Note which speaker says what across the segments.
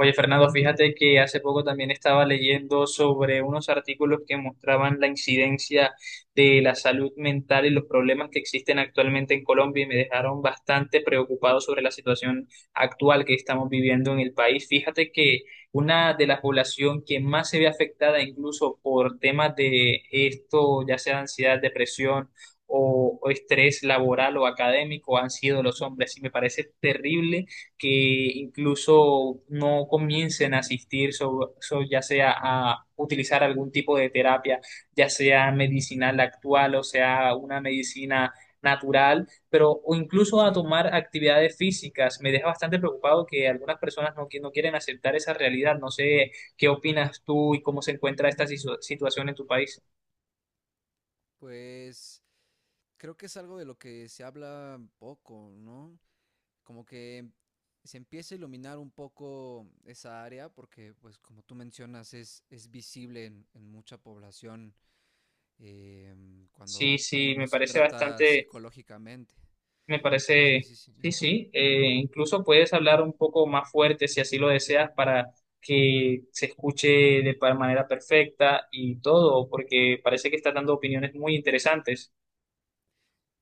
Speaker 1: Oye, Fernando, fíjate que hace poco también estaba leyendo sobre unos artículos que mostraban la incidencia de la salud mental y los problemas que existen actualmente en Colombia y me dejaron bastante preocupado sobre la situación actual que estamos viviendo en el país. Fíjate que una de la población que más se ve afectada incluso por temas de esto, ya sea ansiedad, depresión o estrés laboral o académico, han sido los hombres y me parece terrible que incluso no comiencen a asistir, ya sea a utilizar algún tipo de terapia, ya sea medicinal actual o sea una medicina natural, pero o incluso a
Speaker 2: Sí,
Speaker 1: tomar actividades físicas. Me deja bastante preocupado que algunas personas no, no quieren aceptar esa realidad. No sé qué opinas tú y cómo se encuentra esta situación en tu país.
Speaker 2: pues creo que es algo de lo que se habla poco, ¿no? Como que se empieza a iluminar un poco esa área porque, pues como tú mencionas, es visible en mucha población eh,
Speaker 1: Sí,
Speaker 2: cuando uno
Speaker 1: sí,
Speaker 2: no
Speaker 1: me
Speaker 2: se
Speaker 1: parece
Speaker 2: trata psicológicamente.
Speaker 1: Me
Speaker 2: Sí,
Speaker 1: parece,
Speaker 2: sí, sí.
Speaker 1: sí, sí, incluso puedes hablar un poco más fuerte si así lo deseas para que se escuche de manera perfecta y todo, porque parece que estás dando opiniones muy interesantes.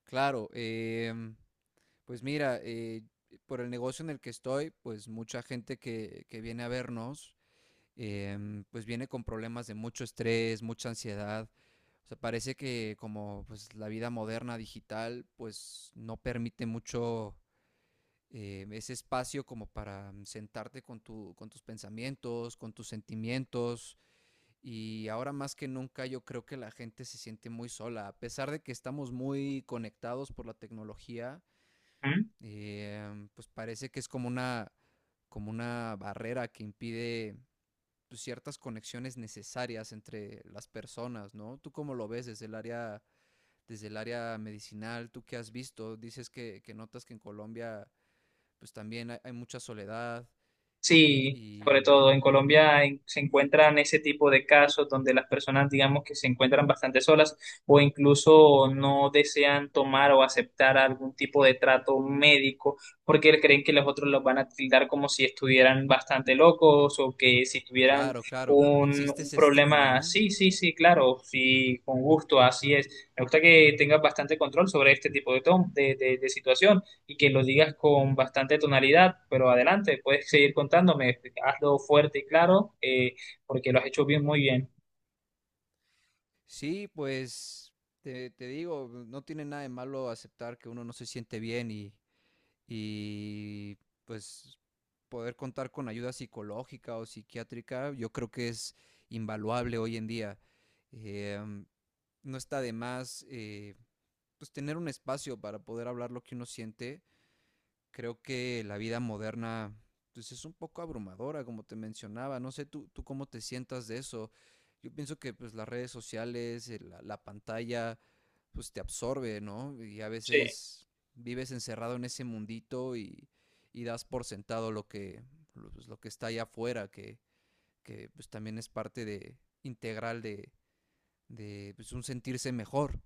Speaker 2: Claro, pues mira, por el negocio en el que estoy, pues mucha gente que viene a vernos, pues viene con problemas de mucho estrés, mucha ansiedad. O sea, parece que como pues la vida moderna digital pues no permite mucho ese espacio como para sentarte con tu, con tus pensamientos, con tus sentimientos. Y ahora más que nunca yo creo que la gente se siente muy sola. A pesar de que estamos muy conectados por la tecnología,
Speaker 1: ¿Mm?
Speaker 2: pues parece que es como una barrera que impide pues, ciertas conexiones necesarias entre las personas, ¿no? ¿Tú cómo lo ves desde el área medicinal, tú qué has visto, dices que notas que en Colombia pues también hay mucha soledad y,
Speaker 1: Sí, sobre
Speaker 2: y
Speaker 1: todo en Colombia se encuentran ese tipo de casos donde las personas, digamos, que se encuentran bastante solas o incluso no desean tomar o aceptar algún tipo de trato médico porque creen que los otros los van a tildar como si estuvieran bastante locos o que si tuvieran
Speaker 2: claro, claro,
Speaker 1: un,
Speaker 2: existe
Speaker 1: un
Speaker 2: ese estigma,
Speaker 1: problema.
Speaker 2: ¿no?
Speaker 1: Sí, sí, sí, claro, sí, con gusto, así es. Me gusta que tengas bastante control sobre este tipo de, de situaciones y que lo digas con bastante tonalidad, pero adelante, puedes seguir contándome, hazlo fuerte y claro, porque lo has hecho bien, muy bien.
Speaker 2: Sí, pues te digo, no tiene nada de malo aceptar que uno no se siente bien y pues poder contar con ayuda psicológica o psiquiátrica, yo creo que es invaluable hoy en día. Eh, no está de más pues tener un espacio para poder hablar lo que uno siente. Creo que la vida moderna, pues es un poco abrumadora, como te mencionaba. No sé tú cómo te sientas de eso. Yo pienso que pues las redes sociales, la pantalla, pues te absorbe, ¿no? Y a
Speaker 1: Sí.
Speaker 2: veces vives encerrado en ese mundito y das por sentado lo que está allá afuera, que pues también es parte integral de un sentirse mejor.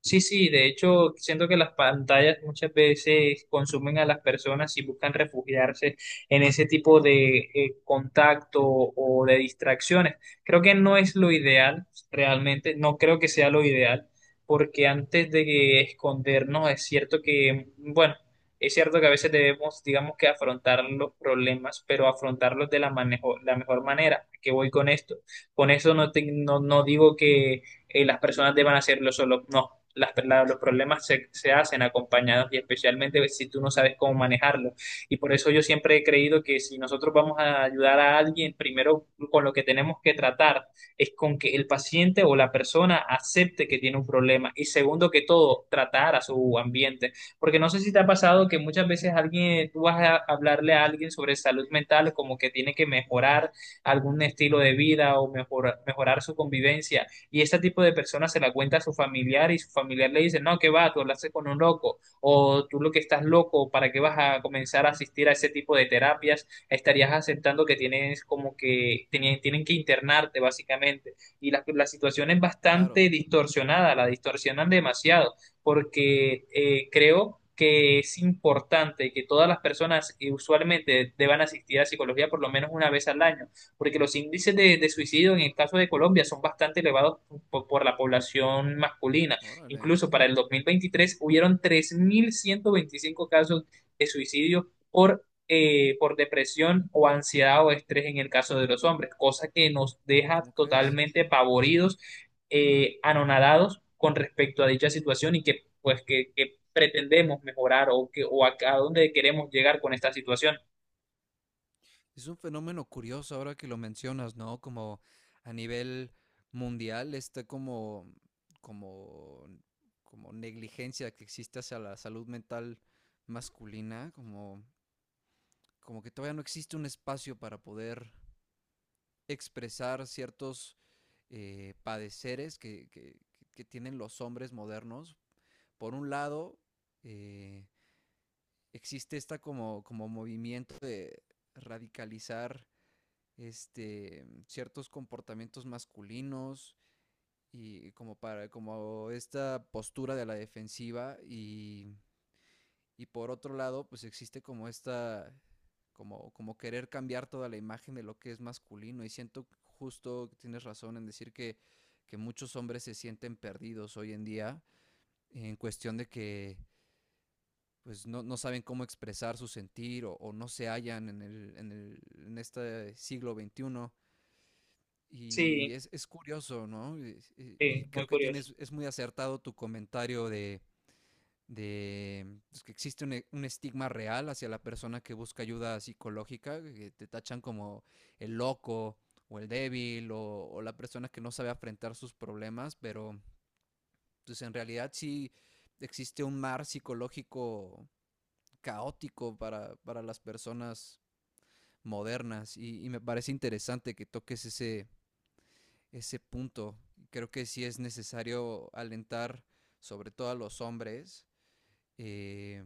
Speaker 1: Sí, sí, de hecho, siento que las pantallas muchas veces consumen a las personas y buscan refugiarse en ese tipo de contacto o de distracciones. Creo que no es lo ideal, realmente, no creo que sea lo ideal, porque antes de escondernos es cierto que, bueno, es cierto que a veces debemos, digamos que afrontar los problemas, pero afrontarlos de la, la mejor manera. ¿A ¿Qué voy con esto? Con eso no, no, no digo que las personas deban hacerlo solo. No, los problemas se hacen acompañados y especialmente si tú no sabes cómo manejarlo. Y por eso yo siempre he creído que si nosotros vamos a ayudar a alguien, primero con lo que tenemos que tratar es con que el paciente o la persona acepte que tiene un problema y segundo que todo, tratar a su ambiente. Porque no sé si te ha pasado que muchas veces alguien, tú vas a hablarle a alguien sobre salud mental como que tiene que mejorar algún estilo de vida o mejorar su convivencia y este tipo de personas se la cuenta a su familiar y su familiar le dice, no, que va, tú hablaste con un loco o tú lo que estás loco, ¿para qué vas a comenzar a asistir a ese tipo de terapias? Estarías aceptando que tienes como que tienen que internarte básicamente y la situación es
Speaker 2: Claro.
Speaker 1: bastante distorsionada, la distorsionan demasiado porque creo que es importante que todas las personas usualmente deban asistir a psicología por lo menos una vez al año, porque los índices de suicidio en el caso de Colombia son bastante elevados por la población masculina.
Speaker 2: Órale.
Speaker 1: Incluso para el 2023 hubieron 3125 casos de suicidio por depresión o ansiedad o estrés en el caso de los hombres, cosa que nos deja
Speaker 2: ¿Cómo crees?
Speaker 1: totalmente pavoridos, anonadados con respecto a dicha situación y que pues que pretendemos mejorar o, que, o a dónde queremos llegar con esta situación.
Speaker 2: Es un fenómeno curioso ahora que lo mencionas, ¿no? Como a nivel mundial está como, como negligencia que existe hacia la salud mental masculina, como que todavía no existe un espacio para poder expresar ciertos padeceres que tienen los hombres modernos. Por un lado, eh, existe esta como movimiento de radicalizar ciertos comportamientos masculinos y como para como esta postura de la defensiva y por otro lado pues existe como esta como querer cambiar toda la imagen de lo que es masculino y siento justo que tienes razón en decir que muchos hombres se sienten perdidos hoy en día en cuestión de que pues no saben cómo expresar su sentir o no se hallan en este siglo XXI. Y
Speaker 1: Sí,
Speaker 2: es curioso, ¿no?
Speaker 1: sí,
Speaker 2: Y
Speaker 1: muy
Speaker 2: creo que
Speaker 1: curioso.
Speaker 2: es muy acertado tu comentario de pues, que existe un estigma real hacia la persona que busca ayuda psicológica, que te tachan como el loco o el débil o la persona que no sabe afrontar sus problemas, pero pues en realidad sí existe un mar psicológico caótico para las personas modernas y me parece interesante que toques ese punto. Creo que sí es necesario alentar, sobre todo a los hombres, eh,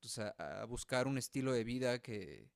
Speaker 2: pues a buscar un estilo de vida que,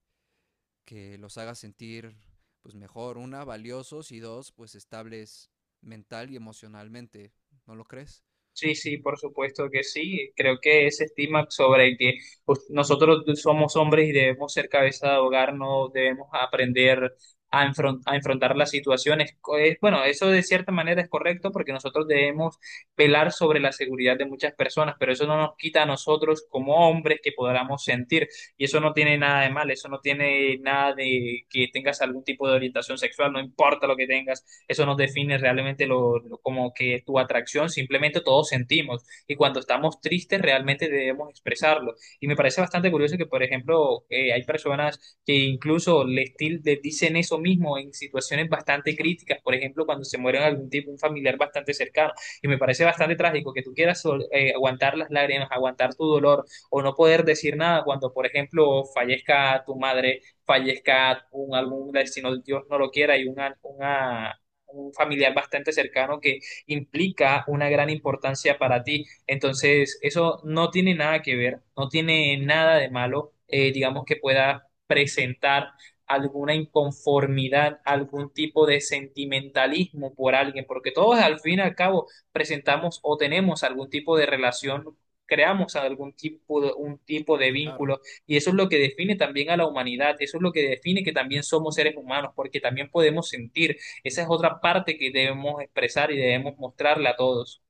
Speaker 2: que, los haga sentir pues mejor, una, valiosos y dos, pues estables mental y emocionalmente. ¿No lo crees?
Speaker 1: Sí, sí, por supuesto que sí. Creo que ese estigma sobre el que pues, nosotros somos hombres y debemos ser cabeza de hogar, no debemos aprender a, a enfrentar las situaciones. Bueno, eso de cierta manera es correcto porque nosotros debemos velar sobre la seguridad de muchas personas, pero eso no nos quita a nosotros como hombres que podamos sentir. Y eso no tiene nada de mal, eso no tiene nada de que tengas algún tipo de orientación sexual, no importa lo que tengas eso no define realmente lo, como que tu atracción, simplemente todos sentimos y cuando estamos tristes realmente debemos expresarlo. Y me parece bastante curioso que, por ejemplo, hay personas que incluso les, les dicen eso mismo en situaciones bastante críticas, por ejemplo, cuando se muere algún tipo, un familiar bastante cercano. Y me parece bastante trágico que tú quieras aguantar las lágrimas, aguantar tu dolor o no poder decir nada cuando, por ejemplo, fallezca tu madre, fallezca un algún destino, Dios no lo quiera, y una un familiar bastante cercano que implica una gran importancia para ti. Entonces, eso no tiene nada que ver, no tiene nada de malo, digamos que pueda presentar alguna inconformidad, algún tipo de sentimentalismo por alguien, porque todos al fin y al cabo presentamos o tenemos algún tipo de relación. Creamos algún tipo de, un tipo de
Speaker 2: Claro.
Speaker 1: vínculo y eso es lo que define también a la humanidad, eso es lo que define que también somos seres humanos, porque también podemos sentir, esa es otra parte que debemos expresar y debemos mostrarle a todos.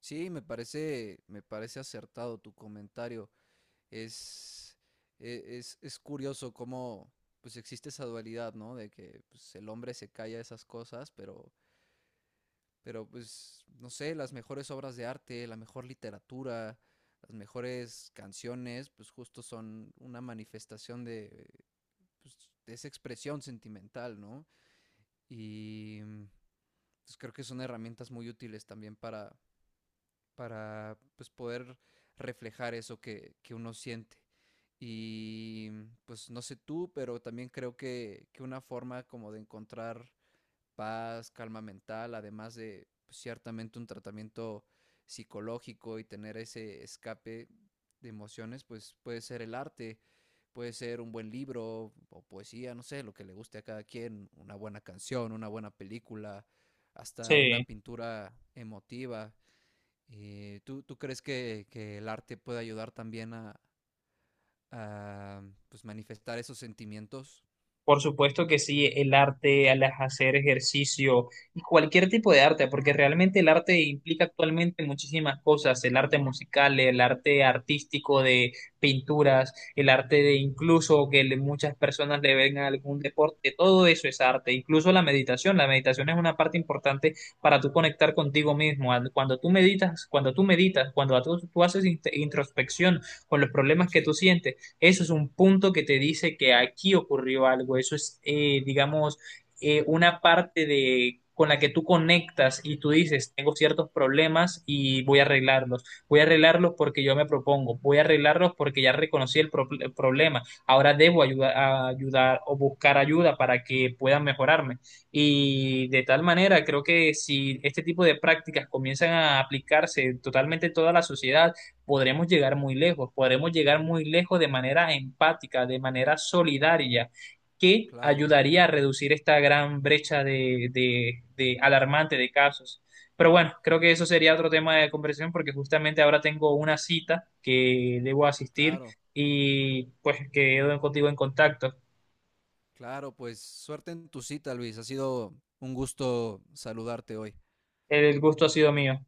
Speaker 2: Sí, me parece acertado tu comentario. Es, es curioso cómo pues existe esa dualidad, ¿no? De que pues, el hombre se calla esas cosas, pero pues, no sé, las mejores obras de arte, la mejor literatura, las mejores canciones, pues justo son una manifestación de esa expresión sentimental, ¿no? Y pues creo que son herramientas muy útiles también para poder reflejar eso que uno siente. Y pues no sé tú, pero también creo que una forma como de encontrar paz, calma mental, además de pues, ciertamente un tratamiento psicológico y tener ese escape de emociones, pues puede ser el arte, puede ser un buen libro o poesía, no sé, lo que le guste a cada quien, una buena canción, una buena película, hasta una
Speaker 1: Sí.
Speaker 2: pintura emotiva. Tú crees que el arte puede ayudar también a pues, manifestar esos sentimientos?
Speaker 1: Por supuesto que sí, el arte, al hacer ejercicio y cualquier tipo de arte, porque realmente el arte implica actualmente muchísimas cosas, el arte musical, el arte artístico de pinturas, el arte de incluso que muchas personas le ven a algún deporte, todo eso es arte, incluso la meditación es una parte importante para tú conectar contigo mismo, cuando tú meditas, cuando tú haces introspección con los problemas que
Speaker 2: Sí,
Speaker 1: tú sientes, eso es un punto que te dice que aquí ocurrió algo. Eso es, digamos, una parte de con la que tú conectas y tú dices, tengo ciertos problemas y voy a arreglarlos. Voy a arreglarlos porque yo me propongo. Voy a arreglarlos porque ya reconocí el, el problema. Ahora debo ayudar, a ayudar o buscar ayuda para que puedan mejorarme. Y de tal manera, creo que si este tipo de prácticas comienzan a aplicarse totalmente en toda la sociedad, podremos llegar muy lejos, podremos llegar muy lejos de manera empática, de manera solidaria, que
Speaker 2: claro,
Speaker 1: ayudaría a reducir esta gran brecha de alarmante de casos. Pero bueno, creo que eso sería otro tema de conversación porque justamente ahora tengo una cita que debo asistir
Speaker 2: claro.
Speaker 1: y pues quedo contigo en contacto.
Speaker 2: Claro, pues suerte en tu cita, Luis. Ha sido un gusto saludarte hoy.
Speaker 1: El gusto ha sido mío.